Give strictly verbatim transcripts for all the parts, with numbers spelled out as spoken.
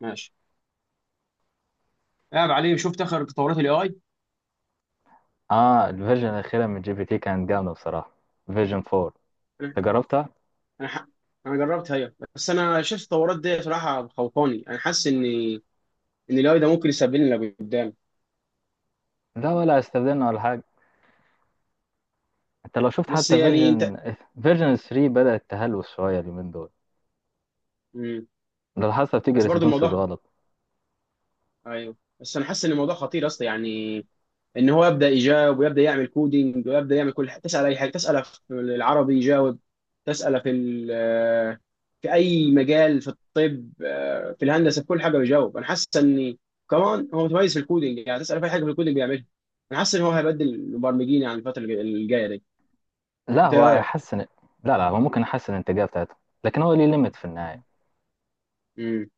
ماشي، قاعد عليه. شفت اخر تطورات الاي اي؟ اه الفيرجن الأخيرة من جي بي تي كانت جامدة بصراحة. فيرجن أربعة. انا انت جربتها؟ انا ح- انا جربت هي، بس انا شايف التطورات دي بصراحه خوفاني. انا حاسس ان ان الاي ده ممكن يسبب لنا قدام. لا، ولا استخدمنا ولا حاجة. انت لو شفت بس حتى يعني انت. فيرجن فيرجن ثلاثة بدأت تهلوس شوية اليومين دول، مم. لو حاسة بتيجي بس برضو ريسبونسز الموضوع. غلط. ايوه، بس انا حاسس ان الموضوع خطير اصلا يعني، ان هو يبدا يجاوب ويبدا يعمل كودينج ويبدا يعمل كل حاجه. تسال اي حاجه، تساله في العربي يجاوب، تساله في ال- في اي مجال، في الطب، آه، في الهندسه، في كل حاجه بيجاوب. انا حاسس ان كمان هو متميز في الكودينج، يعني تساله في اي حاجه في الكودينج بيعملها. انا حاسس ان هو هيبدل المبرمجين يعني الفتره الج- الجايه دي. لا، انت ايه هو رايك؟ هيحسن. لا لا، هو ممكن يحسن الإنتاجية بتاعته، لكن هو ليه ليميت في النهاية. امم.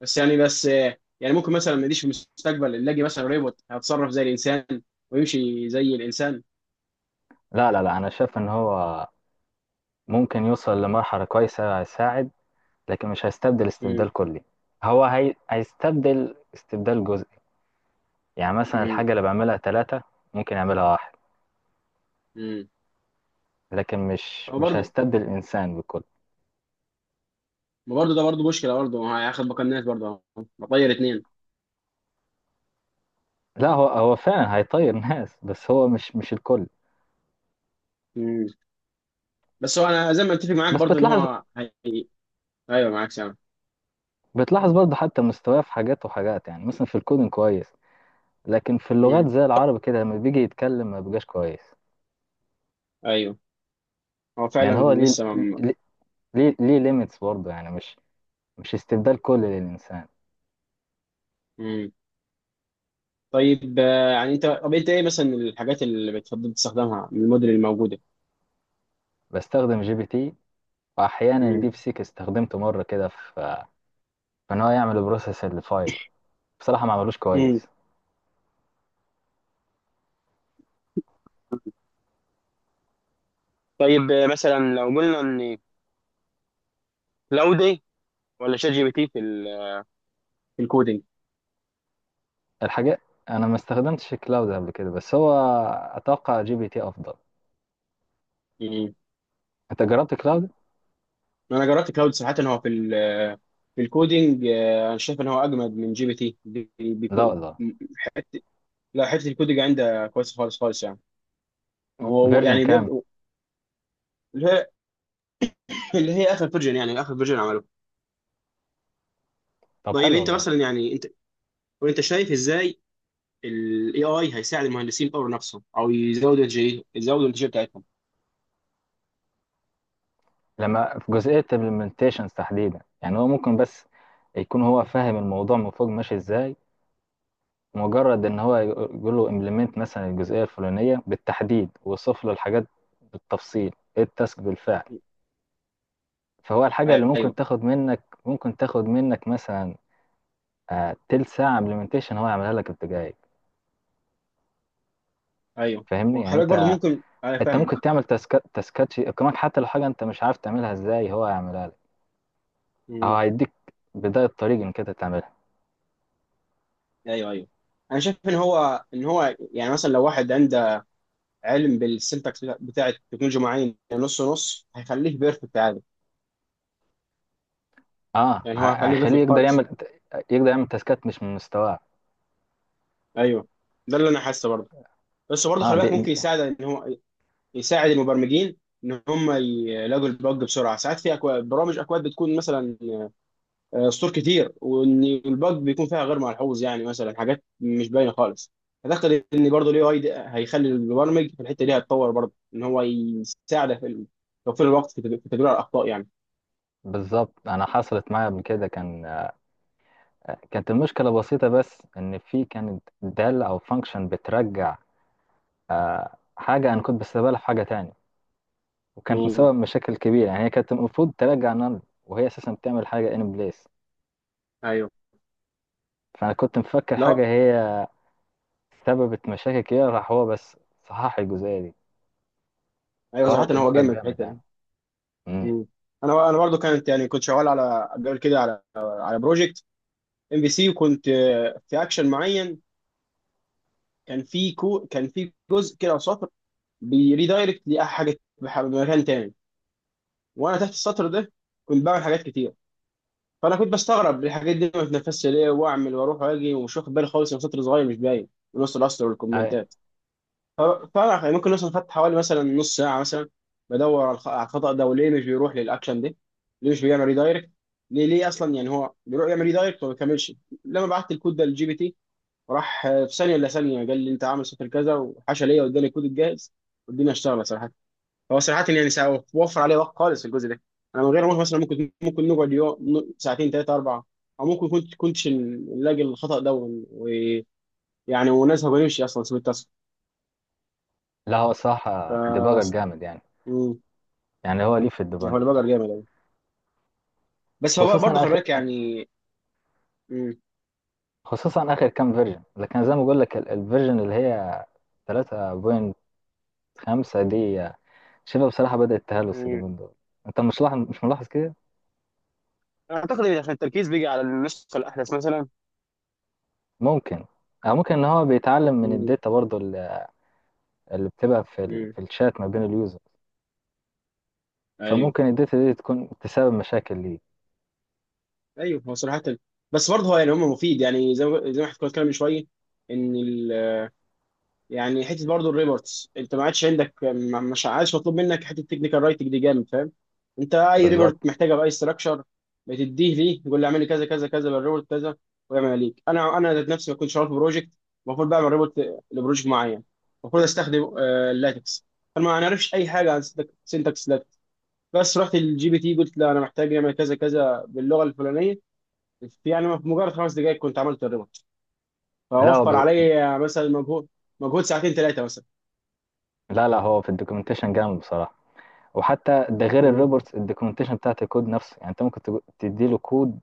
بس يعني بس آه، يعني ممكن مثلا ما يجيش في المستقبل اللي اجي مثلا روبوت هيتصرف زي الانسان ويمشي زي الانسان. لا لا لا، أنا شايف إن هو ممكن يوصل لمرحلة كويسة، هيساعد، لكن مش هيستبدل امم. استبدال كلي. هو هي... هيستبدل استبدال جزئي. يعني مثلا امم. الحاجة اللي بعملها ثلاثة ممكن يعملها واحد، امم. لكن مش هو مش برضه، هيستبدل الانسان بالكل. ما برضه ده برضه مشكله، برضه هو هياخد بقى برضه، بطير اتنين. لا هو هو فعلا هيطير ناس، بس هو مش مش الكل. امم. بس هو انا زي ما اتفق معاك بس برضه ان بتلاحظ، هو هي... ايوه، معاك سامع. بتلاحظ برضه حتى مستواه في حاجات وحاجات، يعني مثلا في الكودing كويس، لكن في اللغات امم. زي العربي كده لما بيجي يتكلم ما بيبقاش كويس. ايوه، هو يعني فعلا هو ليه لسه ما. ليه ليه, ليه ليميتس برضه، يعني مش مش استبدال كلي للانسان. امم. طيب، آه، يعني انت طب انت ايه مثلا الحاجات اللي بتفضل تستخدمها من الموديل الموجوده؟ بستخدم جي بي تي، واحيانا امم. ديب سيك، استخدمته مره كده في فان هو يعمل بروسيس للفايل. بصراحه ما عملوش امم. كويس. طيب، آه، مثلا لو قلنا ان كلاودي ولا شات جي بي تي في ال... في الكودينج. الحاجات، انا ما استخدمتش كلاود قبل كده، بس هو اتوقع جي بي تي افضل. امم. انت جربت كلاود؟ انا جربت كلاود. صراحه هو في ال... في الكودينج، آه، انا شايف ان هو اجمد من جي بي تي بي- لا بيكون. والله. لا، حته الكودج عندها كويسه خالص خالص يعني. هو فيرجن يعني كام؟ بيبدأ اللي هي، اللي هي اخر فيرجن، يعني اخر فيرجن عمله. طب طيب حلو انت والله. مثلا يعني انت وانت شايف ازاي الاي اي هيساعد المهندسين يطوروا نفسهم او يزودوا الانتاجيه، يزودوا الانتاجيه بتاعتهم. لما في جزئيه implementations تحديدا، يعني هو ممكن بس يكون هو فاهم الموضوع من فوق ماشي ازاي، مجرد ان هو يقول له implement مثلا الجزئيه الفلانيه بالتحديد ويوصف له الحاجات بالتفصيل ايه التاسك بالفعل. فهو الحاجه اللي ممكن ايوه تاخد منك ممكن تاخد منك مثلا آه، تلت ساعه implementation هو يعملها لك في دقايق. ايوه، فاهمني؟ يعني وخلي بالك برضه انت، ممكن. انا انت فاهمك. ممكن تعمل تاسكات تاسكات يقيمك، حتى لو حاجه انت مش عارف تعملها ازاي هو هيعملها لك، او مم. هيديك بدايه طريق انك انت تعملها. ايوه ايوه. انا شايف ان هو، ان هو يعني مثلا لو واحد عنده علم بالسنتكس بتاع التكنولوجيا معين، نص نص هيخليه بيرفكت عادي. اه ه- يعني هو هيخليه هيخليه بيرفكت يقدر خالص. يعمل، يقدر يعمل تاسكات مش من مستواه. ايوه. ده اللي انا حاسه برضه. بس برضه اه خلي دي, بالك دي ممكن يساعد ان هو يساعد المبرمجين ان هم يلاقوا البج بسرعه. ساعات في اكواد، برامج اكواد بتكون مثلا آه، سطور كتير، وان البج بيكون فيها غير ملحوظ، يعني مثلا حاجات مش باينه خالص. اعتقد ان برضه الاي اي هيخلي المبرمج في الحته دي هيتطور برضه، ان هو يساعده في ال- توفير الوقت في تد- في تدوير الاخطاء يعني. بالظبط. انا حصلت معايا قبل كده، كان كانت المشكله بسيطه، بس ان في كانت دال او فانكشن بترجع آه حاجه انا كنت بستقبلها في حاجه تانية، وكانت مم. مسبب مشاكل كبيره. يعني هي كانت المفروض ترجع نل، وهي اساسا بتعمل حاجه ان بليس. ايوه. فانا كنت مفكر حاجه لا. هي سببت مشاكل كده، راح هو بس صحح الجزئية دي. ايوه، فهو صراحه هو ديباجر جامد في جامد الحته يعني. دي. امم مم. انا انا برضه كانت يعني كنت شغال على قبل كده، على على بروجكت ام بي سي، وكنت آه، في اكشن معين. كان في كو كان في جزء كده او سطر بيريدايركت لحاجه بح- بمكان تاني. وانا تحت السطر ده كنت بعمل حاجات كتير، فانا كنت بستغرب الحاجات دي ما بتنفذش ليه. واعمل واروح واجي ومش واخد بالي خالص ان سطر صغير مش باين ونص الاسطر أي- والكومنتات. ف- فانا يعني ممكن مثلا خدت حوالي مثلا نص ساعه مثلا بدور على الخ- على الخطا ده وليه مش بيروح للاكشن ده، ليه مش بيعمل ريدايركت، ليه ليه اصلا يعني هو بيروح يعمل ريدايركت وما بيكملش. لما بعت الكود ده للجي بي تي، راح في ثانيه الا ثانيه قال لي انت عامل صفر كذا وحشى ليا، واداني الكود الجاهز والدنيا اشتغلت صراحه. هو صراحه يعني سا- وفر عليه وقت خالص الجزء ده. انا من غير ما أروح مثلا ممكن، ممكن نقعد يوم، ساعتين، ثلاثه، اربعه، او ممكن كنت كنتش نلاقي الخطا ده، ون- ويعني ونذهب ونمشي اصلا سوى التاسك. لا هو صراحة ديباجر ف. جامد يعني. مم. يعني هو ليه في يعني الديباج هو اللي بقى بصراحة، جامد أوي. بس هو بقى خصوصا برضه خلي آخر، بالك يعني. مم. خصوصا آخر كام فيرجن. لكن زي ما بقول لك ال- الفيرجن اللي هي ثلاثة فاصلة خمسة دي شبه بصراحة بدأت تهلوس مم. اليومين دول. انت مش لاحظ، مش ملاحظ كده؟ اعتقد إن عشان التركيز بيجي على النسخه الاحدث مثلا. ممكن، أو ممكن ان هو بيتعلم من مم. الداتا برضه اللي اللي بتبقى في ال... مم. في الشات ما بين اليوزر. ايوه فممكن الداتا دي تكون تسبب مشاكل ليه. ايوه، هو صراحه. بس برضه هو يعني هم مفيد، يعني زي ما، زي ما احنا كنا بنتكلم من شويه ان ال... يعني حته برضه الريبورتس، انت ما عادش عندك ما- مش عادش مطلوب منك حته تكنيكال رايتنج دي، جامد فاهم. انت اي بالظبط. ريبورت محتاجه باي ستراكشر بتديه ليه، يقول لي اعمل لي كذا كذا كذا بالريبورت كذا ويعمل ليك. انا انا ذات نفسي بكون شغال في بروجكت، المفروض بعمل ريبورت لبروجكت معين، المفروض استخدم آه، اللاتكس. فانا ما اعرفش اي حاجه عن سينتاكس لاتكس، بس رحت للجي بي تي قلت لا انا محتاج يعمل كذا كذا باللغه الفلانيه. في يعني في مجرد خمس دقائق كنت عملت الريموت. فوفر لا عليا مثلا مجهود، مجهود ساعتين ثلاثه مثلا. لا لا، هو في الدوكيومنتيشن جامد بصراحة. وحتى ده غير مم. الريبورتس، الدوكيومنتيشن بتاعت الكود نفسه. يعني انت ممكن تج- تديله كود،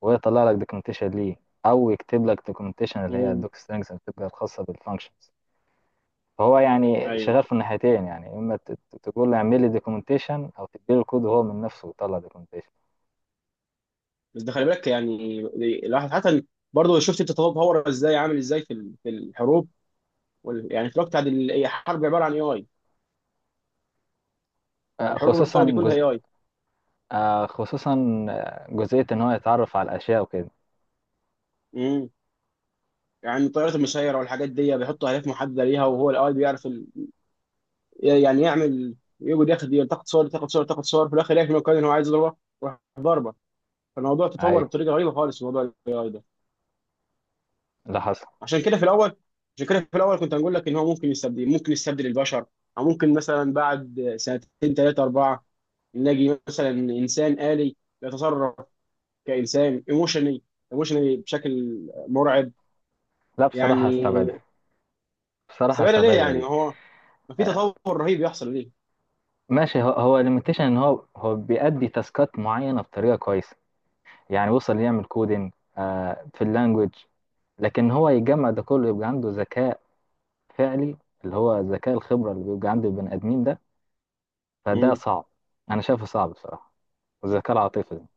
وهو يطلع لك دوكيومنتيشن ليه، او يكتب لك دوكيومنتيشن اللي هي مم. الدوك سترينجز اللي بتبقى الخاصة بالفانكشنز. فهو يعني ايوه. شغال في الناحيتين، يعني اما ت- ت- تقول له اعمل لي دوكيومنتيشن، او تديله الكود وهو من نفسه يطلع دوكيومنتيشن. بس ده خلي بالك يعني الواحد حتى برضه شفت التطور ازاي، عامل ازاي في ال- في الحروب، وال- يعني في الوقت بتاع ال- هي حرب عباره عن اي اي. آه، الحروب خصوصا القوه دي كلها جزء، اي اي. آه، خصوصا آه، جزئية ان هو يتعرف على الاشياء وكده. امم. يعني الطيارات المسيره والحاجات دي بيحطوا اهداف محدده ليها وهو الاي بيعرف ال... يعني يعمل، يقعد ياخد يلتقط صور يلتقط صور يلتقط صور، في الاخر يلاقي في مكان ان هو عايز يضربه يروح ضربه. فالموضوع اي، تطور بطريقه غريبه خالص في موضوع ال إيه آي. اللي حصل. عشان كده في الاول عشان كده في الاول كنت هنقول لك ان هو ممكن يستبدل، ممكن يستبدل البشر، او ممكن مثلا بعد سنتين، ثلاثه، اربعه نلاقي مثلا انسان آلي يتصرف كانسان ايموشني، ايموشني بشكل مرعب. لا بصراحة هستبعدها، يعني بصراحة سبب ليه؟ هستبعدها يعني دي. هو ما في آه، تطور رهيب يحصل ليه؟ ماشي، هو هو ليميتيشن ان هو هو بيأدي تاسكات معينه بطريقه كويسه. يعني وصل يعمل كودينج آه في اللانجوج، لكن هو يجمع ده كله يبقى عنده ذكاء فعلي، اللي هو ذكاء الخبره اللي بيبقى عند البني ادمين ده. فده مم. صعب، انا شايفه صعب بصراحه. والذكاء العاطفي ده،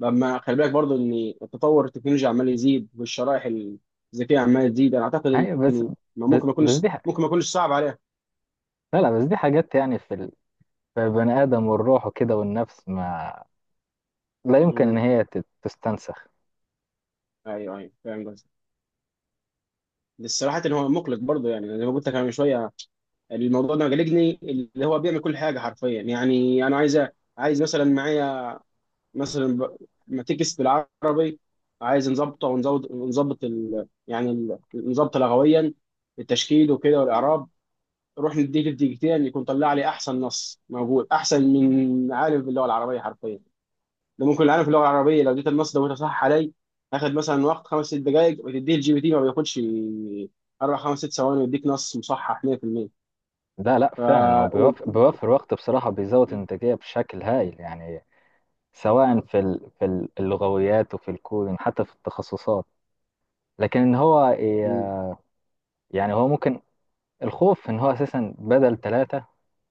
لما خلي بالك برضو ان التطور التكنولوجي عمال يزيد والشرائح الذكيه عماله تزيد، انا اعتقد ايوه. بس ان ما بس ممكن، ما بس يكونش دي ح... ممكن ما يكونش صعب عليها. لا لا، بس دي حاجات يعني في ال... في البني ادم والروح وكده والنفس، ما لا يمكن ان مم. هي تت- تستنسخ. ايوه ايوه، فاهم قصدك. بس صراحة هو مقلق برضه يعني، زي ما قلت لك أنا من شوية، الموضوع ده مقلقني، اللي هو بيعمل كل حاجة حرفيا. يعني أنا عايز، عايز مثلا معايا مثلا ب- ما تكس بالعربي، عايز نظبطه ونزود ونظبط ال... يعني ال- نظبطه لغويا، التشكيل وكده والإعراب. روح نديك الدقيقتين يكون طلع لي أحسن نص موجود، أحسن من عالم باللغة العربية حرفيا. ده ممكن العالم في اللغه العربيه، لو اديت النص لو صح علي، هاخد مثلا وقت خمس ست دقائق. وتديه الجي بي تي ما بياخدش اربع خمس ست ثواني ويديك نص مصحح ميه بالميه. لا لا ف فعلا، هو و... بيوفر, بيوفر وقت بصراحة، بيزود إنتاجية بشكل هايل يعني. سواء في ال- في ال- اللغويات وفي الكودين، حتى في التخصصات. لكن ان هو ي- مم. يعني هو ممكن، الخوف ان هو اساسا بدل ثلاثة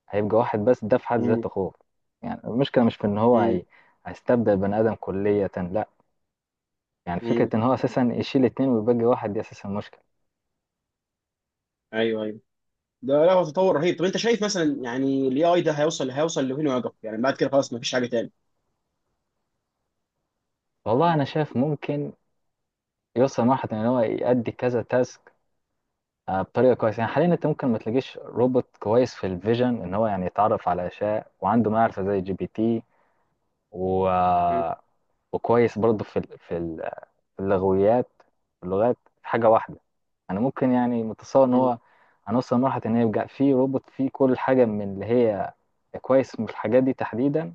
هيبقى واحد، بس ده في حد مم. ذاته خوف. يعني المشكلة مش في ان هو مم. هي- هيستبدل بني ادم كلية، لا. يعني فكرة مم. ان هو اساسا يشيل اتنين ويبقى واحد دي اساسا مشكلة. ايوه ايوه. ده لا هو تطور رهيب. طب انت شايف مثلا يعني الاي اي ده هيوصل، هيوصل لفين ويقف؟ يعني بعد كده خلاص ما فيش حاجه تاني؟ والله انا شايف ممكن يوصل واحد ان هو يأدي كذا تاسك آه، بطريقة كويسة. يعني حاليا انت ممكن ما تلاقيش روبوت كويس في الفيجن ان هو يعني يتعرف على اشياء وعنده معرفة زي جي بي تي، و مم. آه، وكويس برضه في ال- في ال- في اللغويات، في اللغات. في حاجة واحدة أنا ممكن يعني متصور إن مم. هو هنوصل لمرحلة إن يبقى في روبوت فيه كل حاجة من اللي هي كويس من الحاجات دي تحديدا،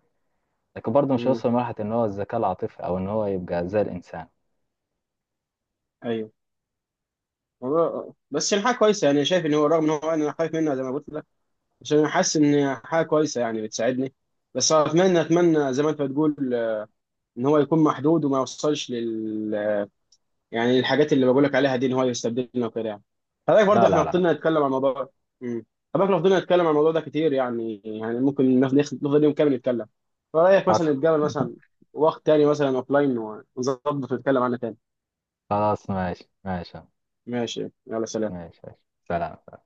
لكن برضه مش مم. هيوصل لمرحلة إن هو الذكاء العاطفي أو إن هو يبقى زي الإنسان. ايوه. والله- بس يعني حاجه كويسه، يعني شايف ان هو، رغم ان هو انا خايف منه زي ما قلت لك، عشان انا حاسس ان حاجه كويسه يعني بتساعدني. بس اتمنى اتمنى زي ما انت بتقول ان هو يكون محدود وما يوصلش لل، يعني الحاجات اللي بقول لك عليها دي، ان هو يستبدلنا وكده يعني. فده برضه لا احنا لا لا. فضلنا نتكلم عن الموضوع ده. امم. فبقى فضلنا نتكلم عن الموضوع ده كتير يعني، يعني ممكن ناخد، ناخد- نفضل يوم كامل نتكلم. فرايك حصل. مثلا نتقابل مثلا وقت تاني مثلا اوفلاين ونظبط ونتكلم عنه تاني؟ خلاص، ماشي ماشي. ماشي، يلا سلام. ماشي ماشي. سلام.